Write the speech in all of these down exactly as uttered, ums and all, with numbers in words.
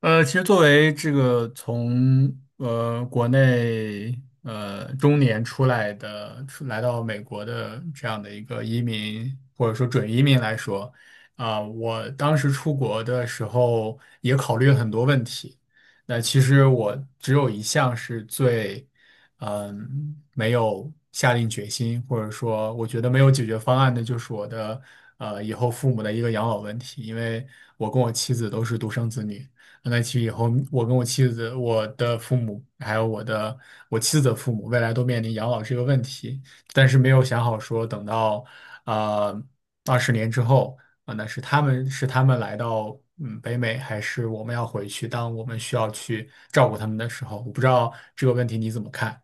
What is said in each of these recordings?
呃，其实作为这个从呃国内呃中年出来的，出来到美国的这样的一个移民或者说准移民来说，啊、我当时出国的时候也考虑了很多问题。那其实我只有一项是最，嗯，没有下定决心，或者说我觉得没有解决方案的，就是我的呃以后父母的一个养老问题，因为我跟我妻子都是独生子女。那其实以后，我跟我妻子、我的父母，还有我的我妻子的父母，未来都面临养老这个问题，但是没有想好说等到呃二十年之后啊、那是他们是他们来到嗯北美，还是我们要回去？当我们需要去照顾他们的时候，我不知道这个问题你怎么看？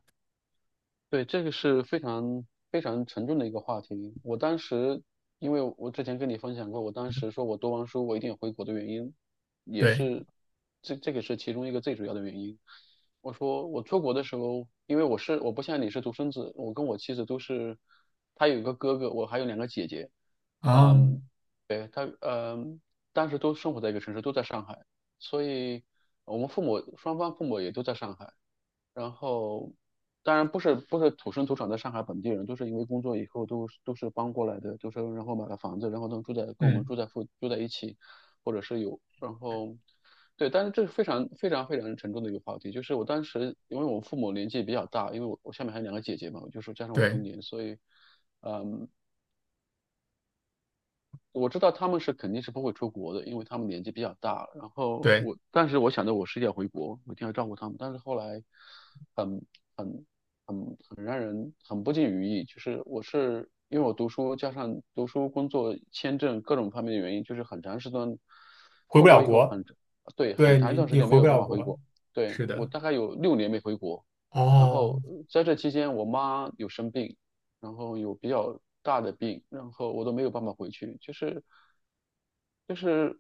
对，这个是非常非常沉重的一个话题。我当时，因为我之前跟你分享过，我当时说我读完书我一定回国的原因，也对是这这个是其中一个最主要的原因。我说我出国的时候，因为我是我不像你是独生子，我跟我妻子都是，她有一个哥哥，我还有两个姐姐，啊，嗯，对，她嗯，当时都生活在一个城市，都在上海，所以我们父母双方父母也都在上海。然后，当然不是不是土生土长的上海本地人，都是因为工作以后都是都是搬过来的，就是然后买了房子，然后能住在跟我们嗯，住在附住在一起，或者是有，然后对，但是这是非常非常非常沉重的一个话题，就是我当时因为我父母年纪比较大，因为我我下面还有两个姐姐嘛，我就是加上我对中年，所以。嗯。我知道他们是肯定是不会出国的，因为他们年纪比较大了然后对，我，但是我想着我是要回国，我一定要照顾他们。但是后来很，很很很让人很不尽如意，就是我是因为我读书加上读书、工作、签证各种方面的原因，就是很长时间回不出了国以后国，很，对，很对长一你段时你间没回不有办了法回国，国。对，是我的，大概有六年没回国。然哦，后在这期间，我妈有生病，然后有比较大的病，然后我都没有办法回去，就是就是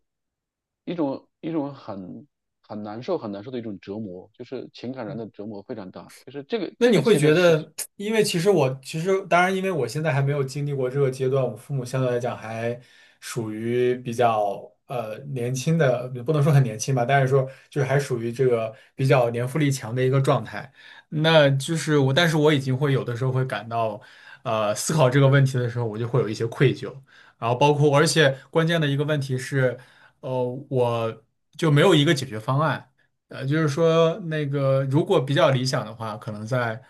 一种一种很很难受很难受的一种折磨，就是情感上的折磨非常大，就是这个那这你个会其觉实是，得，因为其实我其实当然，因为我现在还没有经历过这个阶段，我父母相对来讲还属于比较呃年轻的，不能说很年轻吧，但是说就是还属于这个比较年富力强的一个状态。那就是我，但是我已经会有的时候会感到，呃，思考这个问题的时候，我就会有一些愧疚，然后包括而且关键的一个问题是，呃，我就没有一个解决方案。呃，就是说那个如果比较理想的话，可能在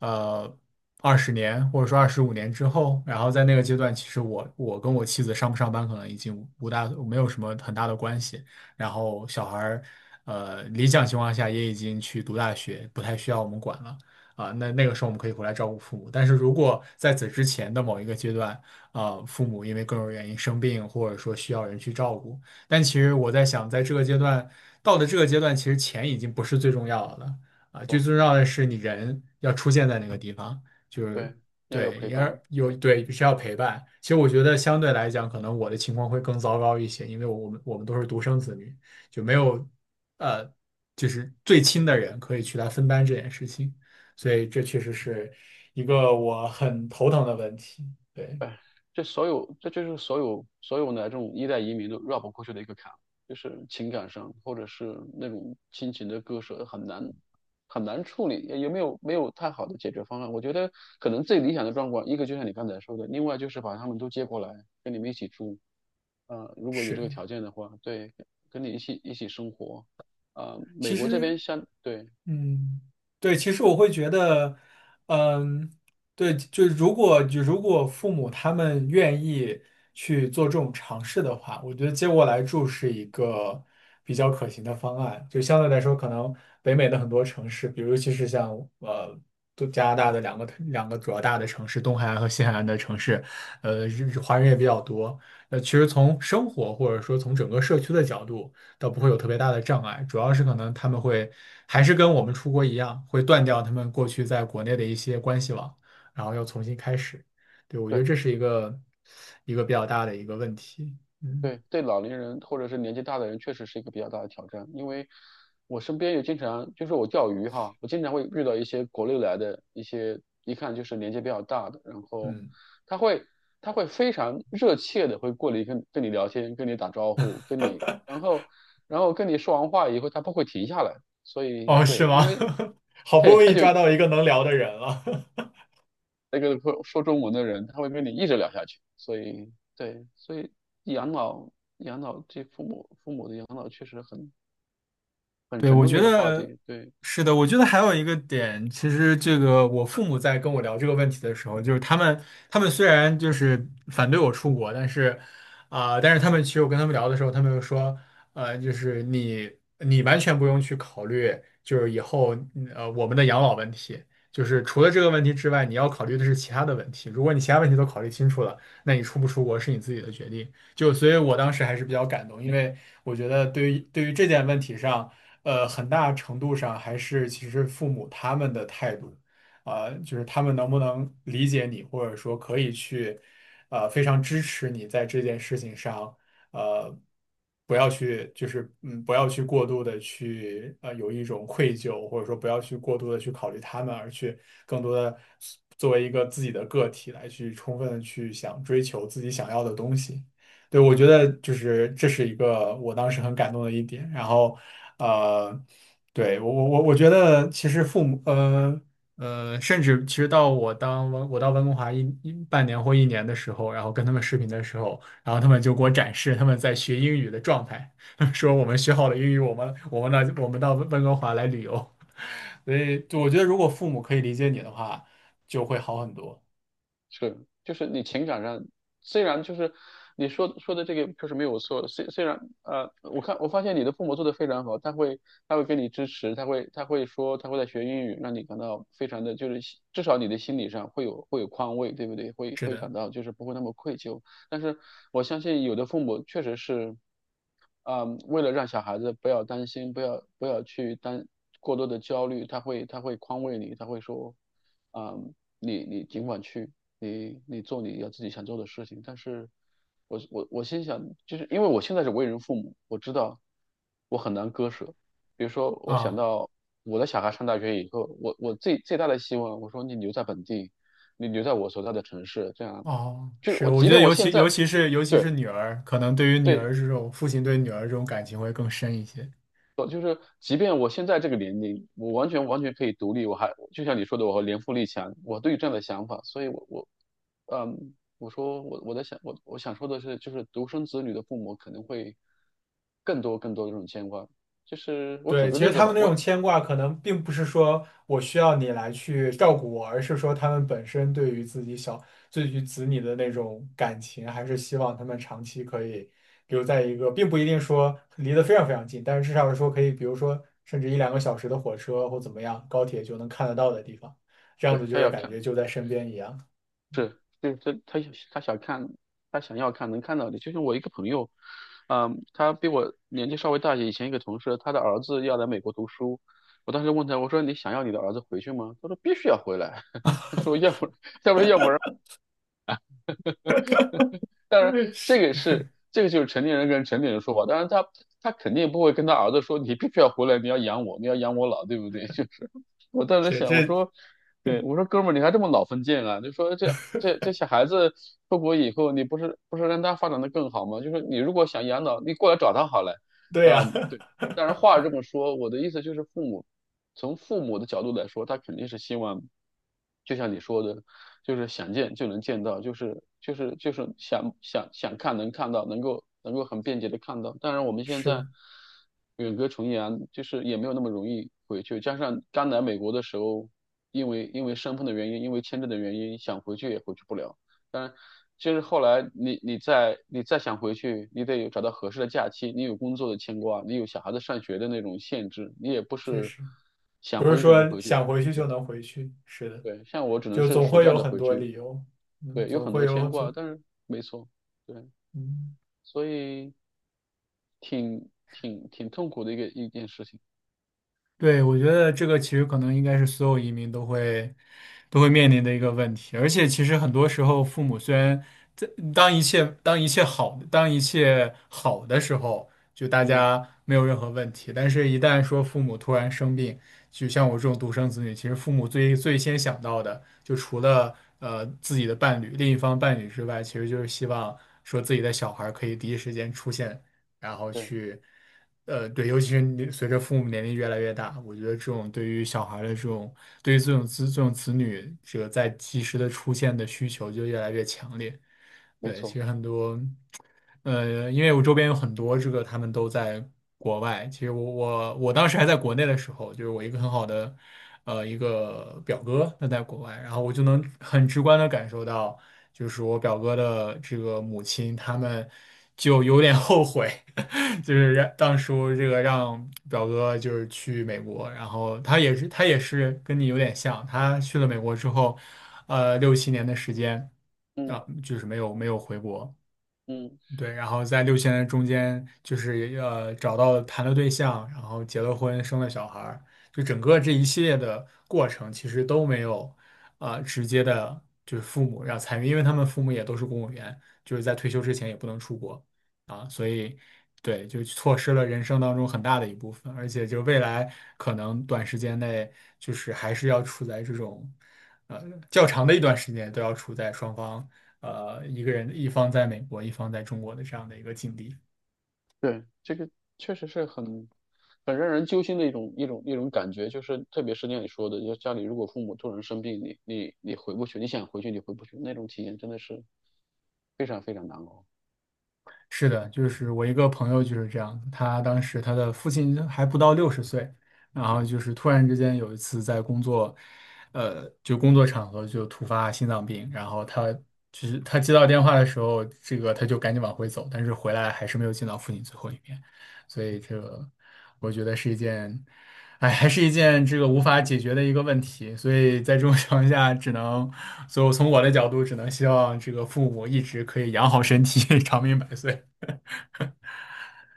呃二十年或者说二十五年之后，然后在那个阶段，其实我我跟我妻子上不上班可能已经无大没有什么很大的关系，然后小孩儿呃理想情况下也已经去读大学，不太需要我们管了。啊，那那个时候我们可以回来照顾父母，但是如果在此之前的某一个阶段，啊，父母因为各种原因生病，或者说需要人去照顾，但其实我在想，在这个阶段，到了这个阶段，其实钱已经不是最重要的了啊，最重要的是你人要出现在那个地方，就是对，要有对，陪也伴。有对。对需要陪伴。其实我觉得相对来讲，可能我的情况会更糟糕一些，因为我们我们都是独生子女，就没有呃，就是最亲的人可以去来分担这件事情，所以这确实是一个我很头疼的问题。对，哎，这所有，这就是所有所有的这种一代移民都绕不过去的一个坎，就是情感上或者是那种亲情的割舍很难很难处理，也也没有没有太好的解决方案。我觉得可能最理想的状况，一个就像你刚才说的，另外就是把他们都接过来跟你们一起住，呃，如果有这个是，条件的话，对，跟你一起一起生活，呃，美其国这实。边相对嗯，对，其实我会觉得，嗯，对，就如果就如果父母他们愿意去做这种尝试的话，我觉得接过来住是一个比较可行的方案。就相对来说，可能北美的很多城市，比如尤其实像呃，都加拿大的两个两个主要大的城市，东海岸和西海岸的城市，呃，日华人也比较多。呃，其实从生活或者说从整个社区的角度。倒不会有特别大的障碍，主要是可能他们会还是跟我们出国一样，会断掉他们过去在国内的一些关系网，然后要重新开始。对，我觉得对。这是一个一个比较大的一个问题。嗯对，对老年人或者是年纪大的人，确实是一个比较大的挑战。因为我身边也经常，就是我钓鱼哈，我经常会遇到一些国内来的一些，一看就是年纪比较大的，然后嗯，他会他会非常热切的会过来跟跟你聊天，跟你打招呼，跟你，然后然后跟你说完话以后，他不会停下来。所以哦，对，是吗？因为 好不容易抓到一个能聊的人了。那个说说中文的人，他会跟你一直聊下去。所以对，所以养老养老这父母父母的养老确实很。很对，沉我重觉的一个话得题。对，是的。我觉得还有一个点，其实这个我父母在跟我聊这个问题的时候，就是他们他们虽然就是反对我出国，但是啊、但是他们其实我跟他们聊的时候，他们又说，呃，就是你你完全不用去考虑，就是以后嗯呃我们的养老问题，就是除了这个问题之外，你要考虑的是其他的问题。如果你其他问题都考虑清楚了，那你出不出国是你自己的决定。就所以，我当时还是比较感动，因为我觉得对于对于这件问题上。呃，很大程度上还是其实父母他们的态度，啊、就是他们能不能理解你，或者说可以去，呃，非常支持你在这件事情上，呃，不要去，就是嗯，不要去过度的去，呃，有一种愧疚，或者说不要去过度的去考虑他们，而去更多的作为一个自己的个体来去充分的去想追求自己想要的东西。对，我觉得就是这是一个我当时很感动的一点。然后，呃，对，我我我我觉得其实父母，呃呃，甚至其实到我当温我到温哥华一一半年或一年的时候，然后跟他们视频的时候，然后他们就给我展示他们在学英语的状态，说我们学好了英语，我们我们到我们到温哥华来旅游。所以，就我觉得如果父母可以理解你的话，就会好很多。是，就是你情感上，虽然就是你说说的这个确实没有错，虽虽然呃，我看我发现你的父母做的非常好，他会他会给你支持，他会他会说他会在学英语，让你感到非常的就是心至少你的心理上会有会有宽慰，对不对？会是会的，感到就是不会那么愧疚。但是我相信有的父母确实是。嗯，为了让小孩子不要担心，不要不要去担过多的焦虑，他会他会宽慰你，他会说，嗯，你你尽管去，你你做你要自己想做的事情。但是我我我心想，就是因为我现在是为人父母，我知道我很难割舍。比如说，我想啊。到我的小孩上大学以后，我我最最大的希望，我说你留在本地，你留在我所在的城市，这样，哦，就是是，我我即觉得便我尤现其尤在其是尤其是对。女儿，可能对于女对，儿这种父亲对女儿这种感情会更深一些。就是即便我现在这个年龄，我完全完全可以独立，我还就像你说的，我和年富力强，我都有这样的想法，所以我我，嗯，我说我我在想我我想说的是，就是独生子女的父母可能会更多更多的这种牵挂，就是我举对，个其实例子他们吧，那种我牵挂，可能并不是说我需要你来去照顾我，而是说他们本身对于自己小，对于子女的那种感情，还是希望他们长期可以留在一个，并不一定说离得非常非常近，但是至少说可以，比如说甚至一两个小时的火车或怎么样，高铁就能看得到的地方，这样子对就他会要感看觉就在身边一样。是，就是他他想他想看，他想要看能看到的。就像我一个朋友，嗯，他比我年纪稍微大一些，以前一个同事，他的儿子要来美国读书。我当时问他，我说你想要你的儿子回去吗？他说必须要回来。他说要不当然，嗯，这是个是这个就是成年人跟成年人说话。当然他，他肯定不会跟他儿子说：“你必须要回来，你要养我，你要养我老，对不对？” 就是我当时是，想，我这说，对，我说哥们儿，你还这么老封建啊？就说这这这小孩子出国以后，你不是不是让他发展的更好吗？就是你如果想养老，你过来找他好了。对呀、嗯，对。当然 话这么说，我的意思就是父母，从父母的角度来说，他肯定是希望，就像你说的，就是想见就能见到，就是就是就是想想想看能看到，能够能够很便捷的看到。当然我们现在是，远隔重洋，就是也没有那么容易回去。加上刚来美国的时候，因为因为身份的原因，因为签证的原因，想回去也回去不了。当然，就是后来你你再你再想回去，你得有找到合适的假期，你有工作的牵挂，你有小孩子上学的那种限制，你也不确是实，想不是回去就能说回去。想回去就对，能回去。是的，对，像我只能就是总暑会假有的很回多去，理由，嗯，对，有总很会多有牵挂，总，但是没错，对，嗯。所以挺挺挺痛苦的一个一件事情。对，我觉得这个其实可能应该是所有移民都会都会面临的一个问题，而且其实很多时候，父母虽然在当一切当一切好当一切好的时候，就大嗯，家没有任何问题，但是一旦说父母突然生病，就像我这种独生子女，其实父母最最先想到的，就除了呃自己的伴侣、另一方伴侣之外，其实就是希望说自己的小孩儿可以第一时间出现。然后对，去，呃，对，尤其是你随着父母年龄越来越大，我觉得这种对于小孩儿的这种，对于这种子这种子女这个在及时的出现的需求就越来越强烈。没对，其错。实很多，呃，因为我周边有很多这个他们都在国外，其实我我我当时还在国内的时候，就是我一个很好的。呃，一个表哥他在国外，然后我就能很直观的感受到，就是我表哥的这个母亲，他们就有点后悔，就是让当初这个让表哥就是去美国，然后他也是他也是跟你有点像，他去了美国之后，呃，六七年的时间嗯啊，就是没有没有回国，嗯。对，然后在六千人中间，就是呃找到谈了对象，然后结了婚，生了小孩儿，就整个这一系列的过程，其实都没有啊、直接的，就是父母要参与，因为他们父母也都是公务员，就是在退休之前也不能出国啊，所以对，就错失了人生当中很大的一部分，而且就未来可能短时间内，就是还是要处在这种呃较长的一段时间都要处在双方。呃一个人一方在美国，一方在中国的这样的一个境地。对，这个确实是很很让人揪心的一种一种一种感觉，就是特别是像你说的，就家里如果父母突然生病，你你你回不去，你想回去你回不去，那种体验真的是非常非常难熬。是的，就是我一个朋友就是这样，他当时他的父亲还不到六十岁，然后就嗯。是突然之间有一次在工作，呃，就工作场合就突发心脏病，然后他就是他接到电话的时候，这个他就赶紧往回走，但是回来还是没有见到父亲最后一面，所以这个我觉得是一件，哎，还是一件这个无法解决的一个问题，所以在这种情况下，只能，所以我从我的角度只能希望这个父母一直可以养好身体，长命百岁。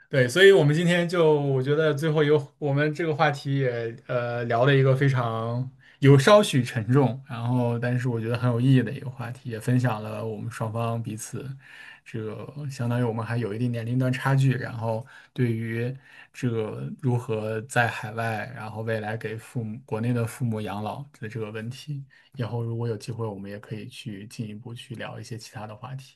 对，所以我们今天就我觉得最后有我们这个话题也呃聊了一个非常有稍许沉重，然后但是我觉得很有意义的一个话题，也分享了我们双方彼此这个相当于我们还有一定年龄段差距，然后对于这个如何在海外，然后未来给父母国内的父母养老的这个问题，以后如果有机会，我们也可以去进一步去聊一些其他的话题。